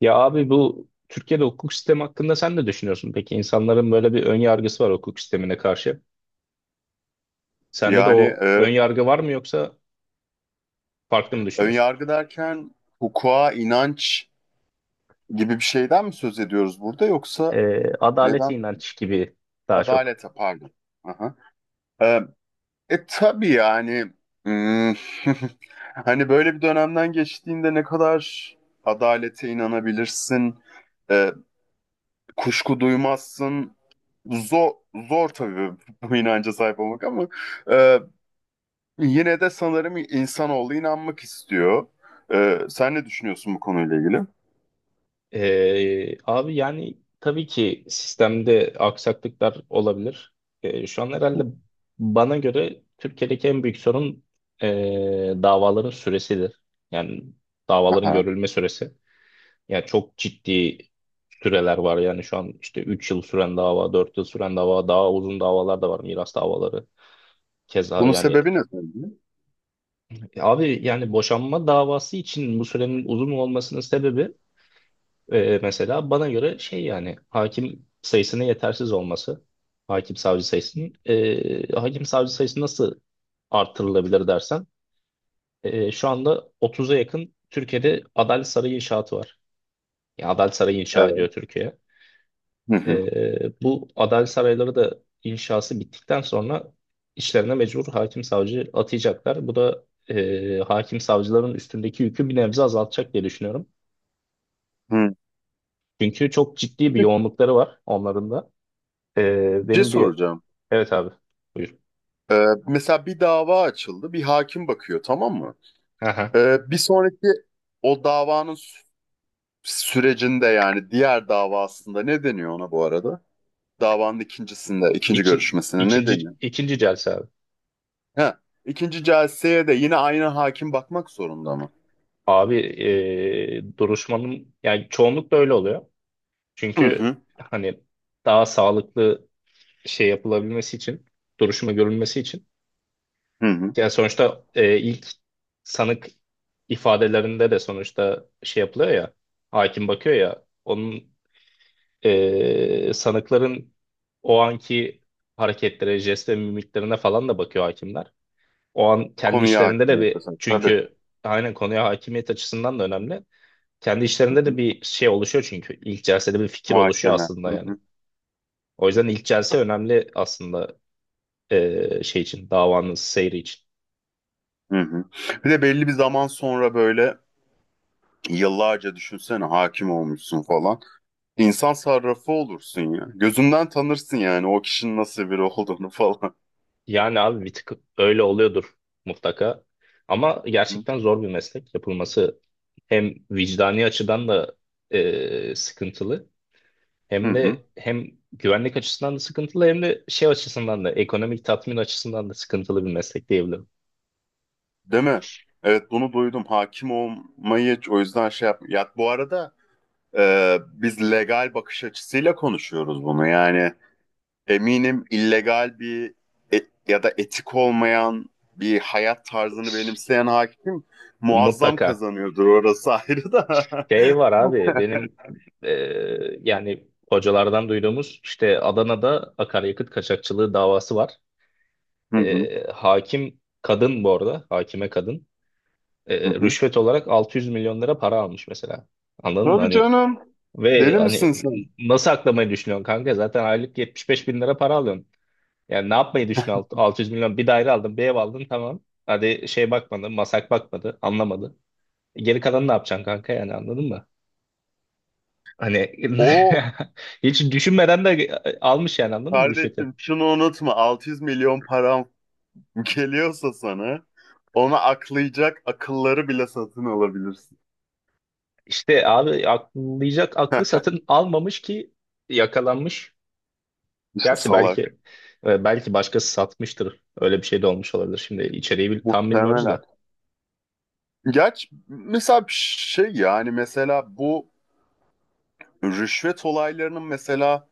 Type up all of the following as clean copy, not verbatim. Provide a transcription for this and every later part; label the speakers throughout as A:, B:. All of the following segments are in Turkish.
A: Ya abi, bu Türkiye'de hukuk sistemi hakkında sen ne düşünüyorsun? Peki, insanların böyle bir ön yargısı var hukuk sistemine karşı. Sende de
B: Yani
A: o ön yargı var mı, yoksa farklı mı
B: ön
A: düşünüyorsun?
B: yargı derken hukuka, inanç gibi bir şeyden mi söz ediyoruz burada yoksa neden?
A: Adalete inanç gibi daha çok.
B: Adalete pardon. Aha. E, tabii yani hmm, hani böyle bir dönemden geçtiğinde ne kadar adalete inanabilirsin, e, kuşku duymazsın. Zor, zor tabii bu inanca sahip olmak ama e, yine de sanırım insanoğlu inanmak istiyor. Sen ne düşünüyorsun bu konuyla ilgili?
A: Abi, yani tabii ki sistemde aksaklıklar olabilir. Şu an herhalde bana göre Türkiye'deki en büyük sorun davaların süresidir. Yani davaların
B: Aha.
A: görülme süresi. Ya, çok ciddi süreler var, yani şu an işte 3 yıl süren dava, 4 yıl süren dava, daha uzun davalar da var, miras davaları. Keza
B: Bunun
A: yani
B: sebebi ne sence?
A: abi, yani boşanma davası için bu sürenin uzun olmasının sebebi, mesela bana göre şey, yani hakim sayısının yetersiz olması. Hakim savcı sayısının. Hakim savcı sayısı nasıl artırılabilir dersen, şu anda 30'a yakın Türkiye'de Adalet Sarayı inşaatı var. Ya, Adalet Sarayı inşa ediyor
B: Evet.
A: Türkiye.
B: Hı hı.
A: Bu adalet sarayları da inşası bittikten sonra işlerine mecbur hakim savcı atayacaklar. Bu da hakim savcıların üstündeki yükü bir nebze azaltacak diye düşünüyorum.
B: Hı.
A: Çünkü çok ciddi bir
B: Bir
A: yoğunlukları var onların da.
B: şey
A: Benim bir...
B: soracağım.
A: Evet abi, buyur.
B: Mesela bir dava açıldı, bir hakim bakıyor, tamam mı?
A: Aha.
B: Bir sonraki o davanın sürecinde, yani diğer davasında ne deniyor ona bu arada? Davanın ikincisinde, ikinci
A: İki,
B: görüşmesine ne
A: ikinci,
B: deniyor?
A: ikinci celse abi.
B: Ha, ikinci celseye de yine aynı hakim bakmak zorunda mı?
A: Abi, duruşmanın, yani çoğunlukla öyle oluyor.
B: Hı
A: Çünkü
B: hı.
A: hani daha sağlıklı şey yapılabilmesi için, duruşma görülmesi için.
B: Hı hı.
A: Yani sonuçta ilk sanık ifadelerinde de sonuçta şey yapılıyor ya, hakim bakıyor ya, onun, sanıkların o anki hareketlere, jest ve mimiklerine falan da bakıyor hakimler. O an kendi
B: Konuya
A: işlerinde de
B: hakimiyet
A: bir,
B: kazan. Tabii.
A: çünkü aynen konuya hakimiyet açısından da önemli. Kendi
B: Hı
A: işlerinde de
B: hı.
A: bir şey oluşuyor çünkü. İlk celsede bir fikir oluşuyor
B: Muhakeme. Hı
A: aslında yani.
B: hı.
A: O yüzden ilk celse önemli aslında, şey için, davanın seyri için.
B: Hı hı. Bir de belli bir zaman sonra böyle yıllarca düşünsene, hakim olmuşsun falan. İnsan sarrafı olursun ya. Gözünden tanırsın yani o kişinin nasıl biri olduğunu falan.
A: Yani abi bir tık öyle oluyordur mutlaka. Ama gerçekten zor bir meslek yapılması. Hem vicdani açıdan da sıkıntılı.
B: Hı
A: Hem
B: hı.
A: de hem güvenlik açısından da sıkıntılı, hem de şey açısından da, ekonomik tatmin açısından da sıkıntılı bir meslek diyebilirim.
B: Değil mi? Evet, bunu duydum. Hakim olmayı o yüzden şey yap. Ya bu arada biz legal bakış açısıyla konuşuyoruz bunu. Yani eminim illegal bir ya da etik olmayan bir hayat tarzını benimseyen hakim muazzam
A: Mutlaka.
B: kazanıyordur. Orası ayrı da.
A: Şey var abi benim, yani hocalardan duyduğumuz işte Adana'da akaryakıt kaçakçılığı davası var.
B: Hı hı.
A: Hakim kadın bu arada hakime kadın,
B: Hı hı.
A: rüşvet olarak 600 milyon lira para almış mesela. Anladın mı?
B: Tabii
A: Hani
B: canım.
A: ve
B: Deli
A: hani,
B: misin sen?
A: nasıl aklamayı düşünüyorsun kanka? Zaten aylık 75 bin lira para alıyorsun. Yani ne yapmayı düşünüyorsun? 600 milyon, bir daire aldın, bir ev aldın, tamam. Hadi şey bakmadı, masak bakmadı, anlamadı. Geri kalanı ne yapacaksın kanka, yani anladın mı? Hani
B: O
A: hiç düşünmeden de almış, yani anladın mı rüşveti?
B: kardeşim şunu unutma. 600 milyon param geliyorsa sana, ona aklayacak akılları bile satın alabilirsin.
A: İşte abi, akıllayacak aklı satın almamış ki, yakalanmış.
B: İşte
A: Gerçi belki,
B: salak.
A: belki başkası satmıştır. Öyle bir şey de olmuş olabilir. Şimdi içeriği tam bilmiyoruz
B: Muhtemelen.
A: da.
B: Gerçi mesela bir şey, yani mesela bu rüşvet olaylarının mesela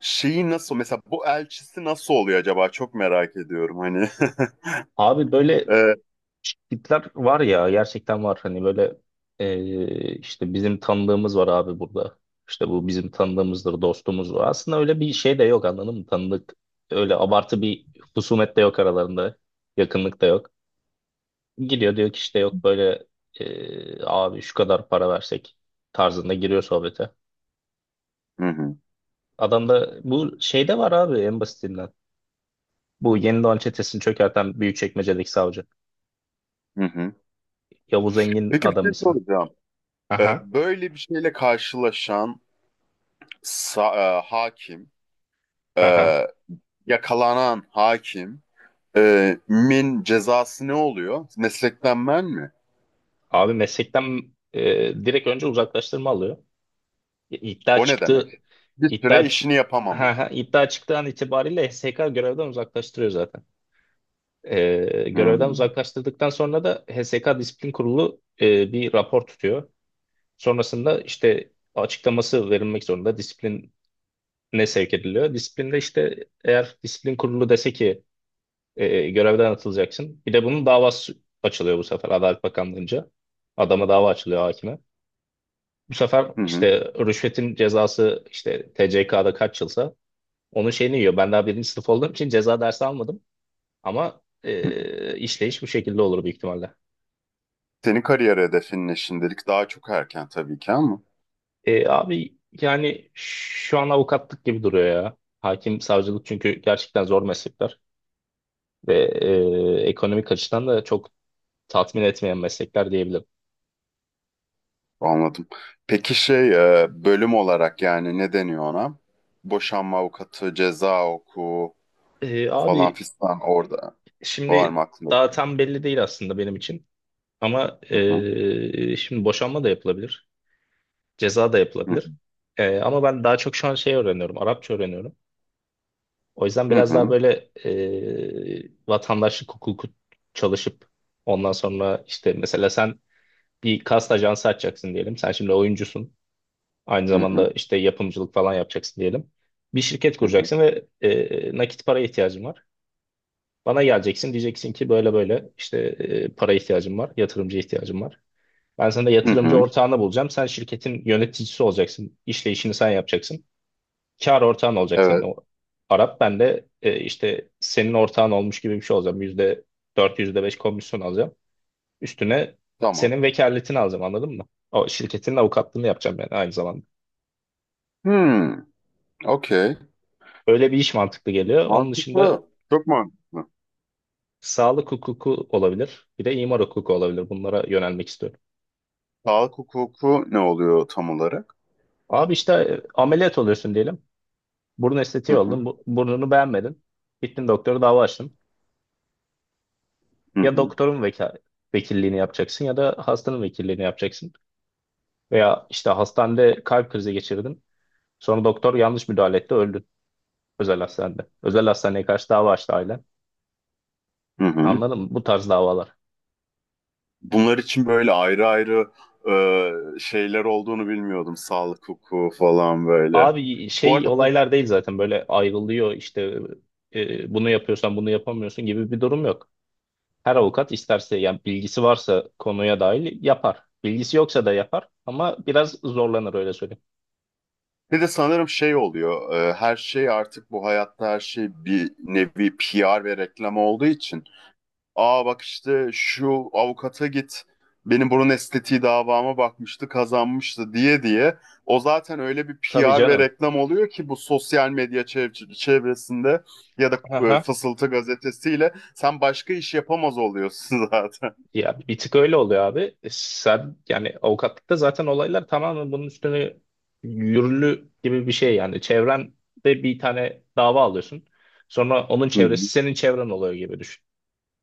B: şeyi nasıl, mesela bu elçisi nasıl oluyor acaba, çok merak ediyorum hani.
A: Abi böyle
B: Ee,
A: tipler var ya, gerçekten var, hani böyle, işte bizim tanıdığımız var abi burada, işte bu bizim tanıdığımızdır, dostumuzdur, aslında öyle bir şey de yok, anladın mı, tanıdık, öyle abartı bir husumet de yok aralarında, yakınlık da yok, gidiyor diyor ki işte yok, böyle, abi şu kadar para versek tarzında giriyor sohbete.
B: hı hı,
A: Adam da bu şeyde var abi, en basitinden bu Yeni Doğan çetesini çökerten Büyükçekmece'deki savcı
B: hı hı.
A: Yavuz Engin
B: Peki bir
A: adam
B: şey
A: ismi.
B: soracağım. Ee,
A: Aha.
B: böyle bir şeyle karşılaşan hakim,
A: Aha.
B: e, yakalanan hakim min cezası ne oluyor? Meslekten men mi?
A: Abi meslekten, direkt önce uzaklaştırma alıyor. İddia
B: O ne demek?
A: çıktı,
B: Bir süre
A: iddia çık
B: işini yapamama.
A: ha, ha, iddia çıktığı an itibariyle HSK görevden uzaklaştırıyor zaten. Görevden
B: Hmm.
A: uzaklaştırdıktan sonra da HSK Disiplin Kurulu bir rapor tutuyor. Sonrasında işte açıklaması verilmek zorunda, disipline sevk ediliyor. Disiplinde işte, eğer disiplin kurulu dese ki görevden atılacaksın. Bir de bunun davası açılıyor bu sefer Adalet Bakanlığı'nca. Adama dava açılıyor, hakime. Bu sefer
B: Hı hı.
A: işte rüşvetin cezası, işte TCK'da kaç yılsa onun şeyini yiyor. Ben daha birinci sınıf olduğum için ceza dersi almadım. Ama, işleyiş bu şekilde olur büyük ihtimalle.
B: Senin kariyer hedefin ne şimdilik? Daha çok erken tabii ki ama
A: Abi yani şu an avukatlık gibi duruyor ya. Hakim, savcılık çünkü gerçekten zor meslekler. Ve, ekonomik açıdan da çok tatmin etmeyen meslekler diyebilirim.
B: anladım. Peki şey, bölüm olarak yani ne deniyor ona? Boşanma avukatı, ceza hukuku falan
A: Abi,
B: fistan, orada var mı
A: şimdi
B: aklında?
A: daha tam belli değil aslında benim için. Ama,
B: Hı hı.
A: şimdi boşanma da yapılabilir. Ceza da yapılabilir. Ama ben daha çok şu an şey öğreniyorum. Arapça öğreniyorum. O yüzden
B: Hı
A: biraz daha
B: hı.
A: böyle, vatandaşlık hukuku çalışıp ondan sonra işte, mesela sen bir kast ajansı açacaksın diyelim. Sen şimdi oyuncusun. Aynı
B: Hı
A: zamanda
B: hı.
A: işte yapımcılık falan yapacaksın diyelim. Bir şirket
B: Hı hı. Hı hı.
A: kuracaksın ve, nakit para ihtiyacın var. Bana geleceksin, diyeceksin ki böyle böyle işte, para ihtiyacım var, yatırımcı ihtiyacım var. Ben sana
B: Hı
A: yatırımcı
B: hı.
A: ortağını bulacağım. Sen şirketin yöneticisi olacaksın. İşleyişini sen yapacaksın. Kar ortağın olacak senin,
B: Evet.
A: o Arap. Ben de, işte senin ortağın olmuş gibi bir şey olacağım. %4, %5 komisyon alacağım. Üstüne
B: Tamam.
A: senin vekaletini alacağım, anladın mı? O şirketin avukatlığını yapacağım ben aynı zamanda.
B: Hmm, okey.
A: Öyle bir iş mantıklı geliyor. Onun dışında
B: Mantıklı. Çok mantıklı.
A: sağlık hukuku olabilir. Bir de imar hukuku olabilir. Bunlara yönelmek istiyorum.
B: Sağlık hukuku ne oluyor tam olarak?
A: Abi işte, ameliyat oluyorsun diyelim. Burun
B: Hı
A: estetiği oldun.
B: hı,
A: Bu, burnunu beğenmedin. Gittin doktora, dava açtın.
B: hı
A: Ya
B: hı,
A: doktorun vekilliğini yapacaksın, ya da hastanın vekilliğini yapacaksın. Veya işte hastanede kalp krizi geçirdin. Sonra doktor yanlış müdahale etti, öldün özel hastanede. Özel hastaneye karşı dava açtı ailen.
B: hı hı.
A: Anladın mı? Bu tarz davalar.
B: Bunlar için böyle ayrı ayrı şeyler olduğunu bilmiyordum. Sağlık hukuku falan böyle.
A: Abi
B: Bu
A: şey
B: arada hukuk
A: olaylar değil, zaten böyle ayrılıyor işte, bunu yapıyorsan bunu yapamıyorsun gibi bir durum yok. Her avukat isterse, yani bilgisi varsa konuya dahil yapar. Bilgisi yoksa da yapar, ama biraz zorlanır, öyle söyleyeyim.
B: bir de sanırım şey oluyor. Her şey artık bu hayatta, her şey bir nevi PR ve reklam olduğu için. Aa, bak işte şu avukata git. Benim burun estetiği davama bakmıştı, kazanmıştı diye diye. O zaten öyle bir
A: Tabii
B: PR ve
A: canım.
B: reklam oluyor ki bu sosyal medya çevresinde, ya da
A: Aha.
B: Fısıltı gazetesiyle sen başka iş yapamaz oluyorsun zaten.
A: Ya bir tık öyle oluyor abi. Sen yani avukatlıkta zaten olaylar tamamen bunun üstüne yürürlü gibi bir şey yani. Çevrende bir tane dava alıyorsun. Sonra onun
B: Hı hı.
A: çevresi senin çevren oluyor gibi düşün.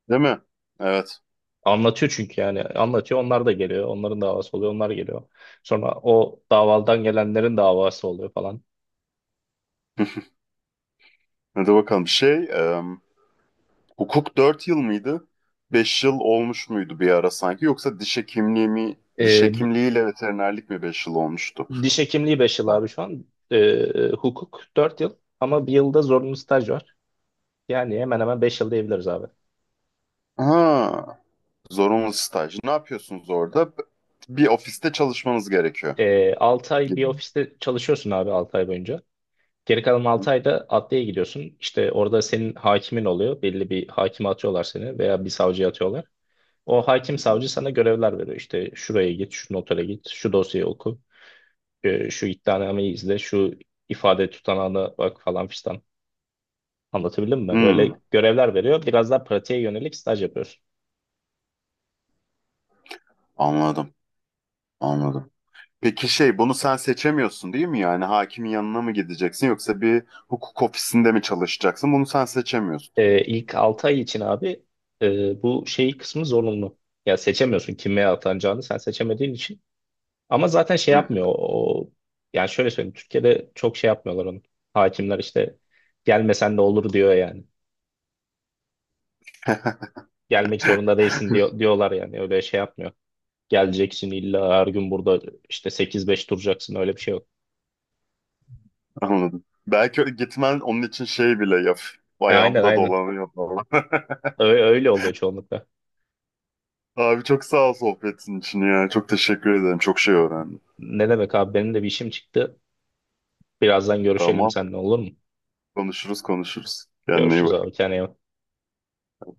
B: Değil mi? Evet.
A: Anlatıyor çünkü, yani anlatıyor, onlar da geliyor. Onların davası oluyor, onlar geliyor. Sonra o davaldan gelenlerin davası oluyor falan.
B: Hadi bakalım. Hukuk 4 yıl mıydı? 5 yıl olmuş muydu bir ara sanki? Yoksa diş hekimliği mi, diş
A: Ee,
B: hekimliğiyle veterinerlik mi 5 yıl olmuştu?
A: Diş hekimliği 5 yıl abi şu an. Hukuk 4 yıl, ama bir yılda zorunlu staj var. Yani hemen hemen 5 yıl diyebiliriz abi.
B: Ha, zorunlu staj. Ne yapıyorsunuz orada? Bir ofiste çalışmanız gerekiyor
A: 6 ay
B: gibi.
A: bir ofiste çalışıyorsun abi, 6 ay boyunca. Geri kalan
B: Hı
A: 6 ayda adliyeye gidiyorsun. İşte orada senin hakimin oluyor. Belli bir hakime atıyorlar seni, veya bir savcıya atıyorlar. O hakim
B: hı.
A: savcı sana görevler veriyor. İşte şuraya git, şu notere git, şu dosyayı oku, şu iddianameyi izle, şu ifade tutanağına bak falan fistan. Anlatabildim mi?
B: Hmm,
A: Böyle görevler veriyor. Biraz daha pratiğe yönelik staj yapıyorsun.
B: anladım, anladım. Peki bunu sen seçemiyorsun değil mi? Yani hakimin yanına mı gideceksin, yoksa bir hukuk ofisinde mi çalışacaksın? Bunu sen seçemiyorsun.
A: İlk 6 ay için abi, bu şey kısmı zorunlu. Ya seçemiyorsun, kime atanacağını sen seçemediğin için. Ama zaten şey
B: Hı hı,
A: yapmıyor. O, yani şöyle söyleyeyim. Türkiye'de çok şey yapmıyorlar onu. Hakimler işte gelmesen de olur diyor yani. Gelmek zorunda değilsin diyor, diyorlar yani. Öyle şey yapmıyor. Geleceksin illa, her gün burada işte sekiz beş duracaksın, öyle bir şey yok.
B: anladım. Belki öyle gitmen onun için şey bile yap.
A: Aynen,
B: Ayağımda
A: aynen.
B: dolanıyor falan.
A: Öyle, öyle oluyor çoğunlukla.
B: Abi çok sağ ol sohbetin için ya. Çok teşekkür ederim. Çok şey öğrendim.
A: Ne demek abi, benim de bir işim çıktı. Birazdan görüşelim
B: Tamam.
A: seninle, olur mu?
B: Konuşuruz, konuşuruz. Kendine iyi
A: Görüşürüz
B: bak.
A: abi. Kendine iyi bak.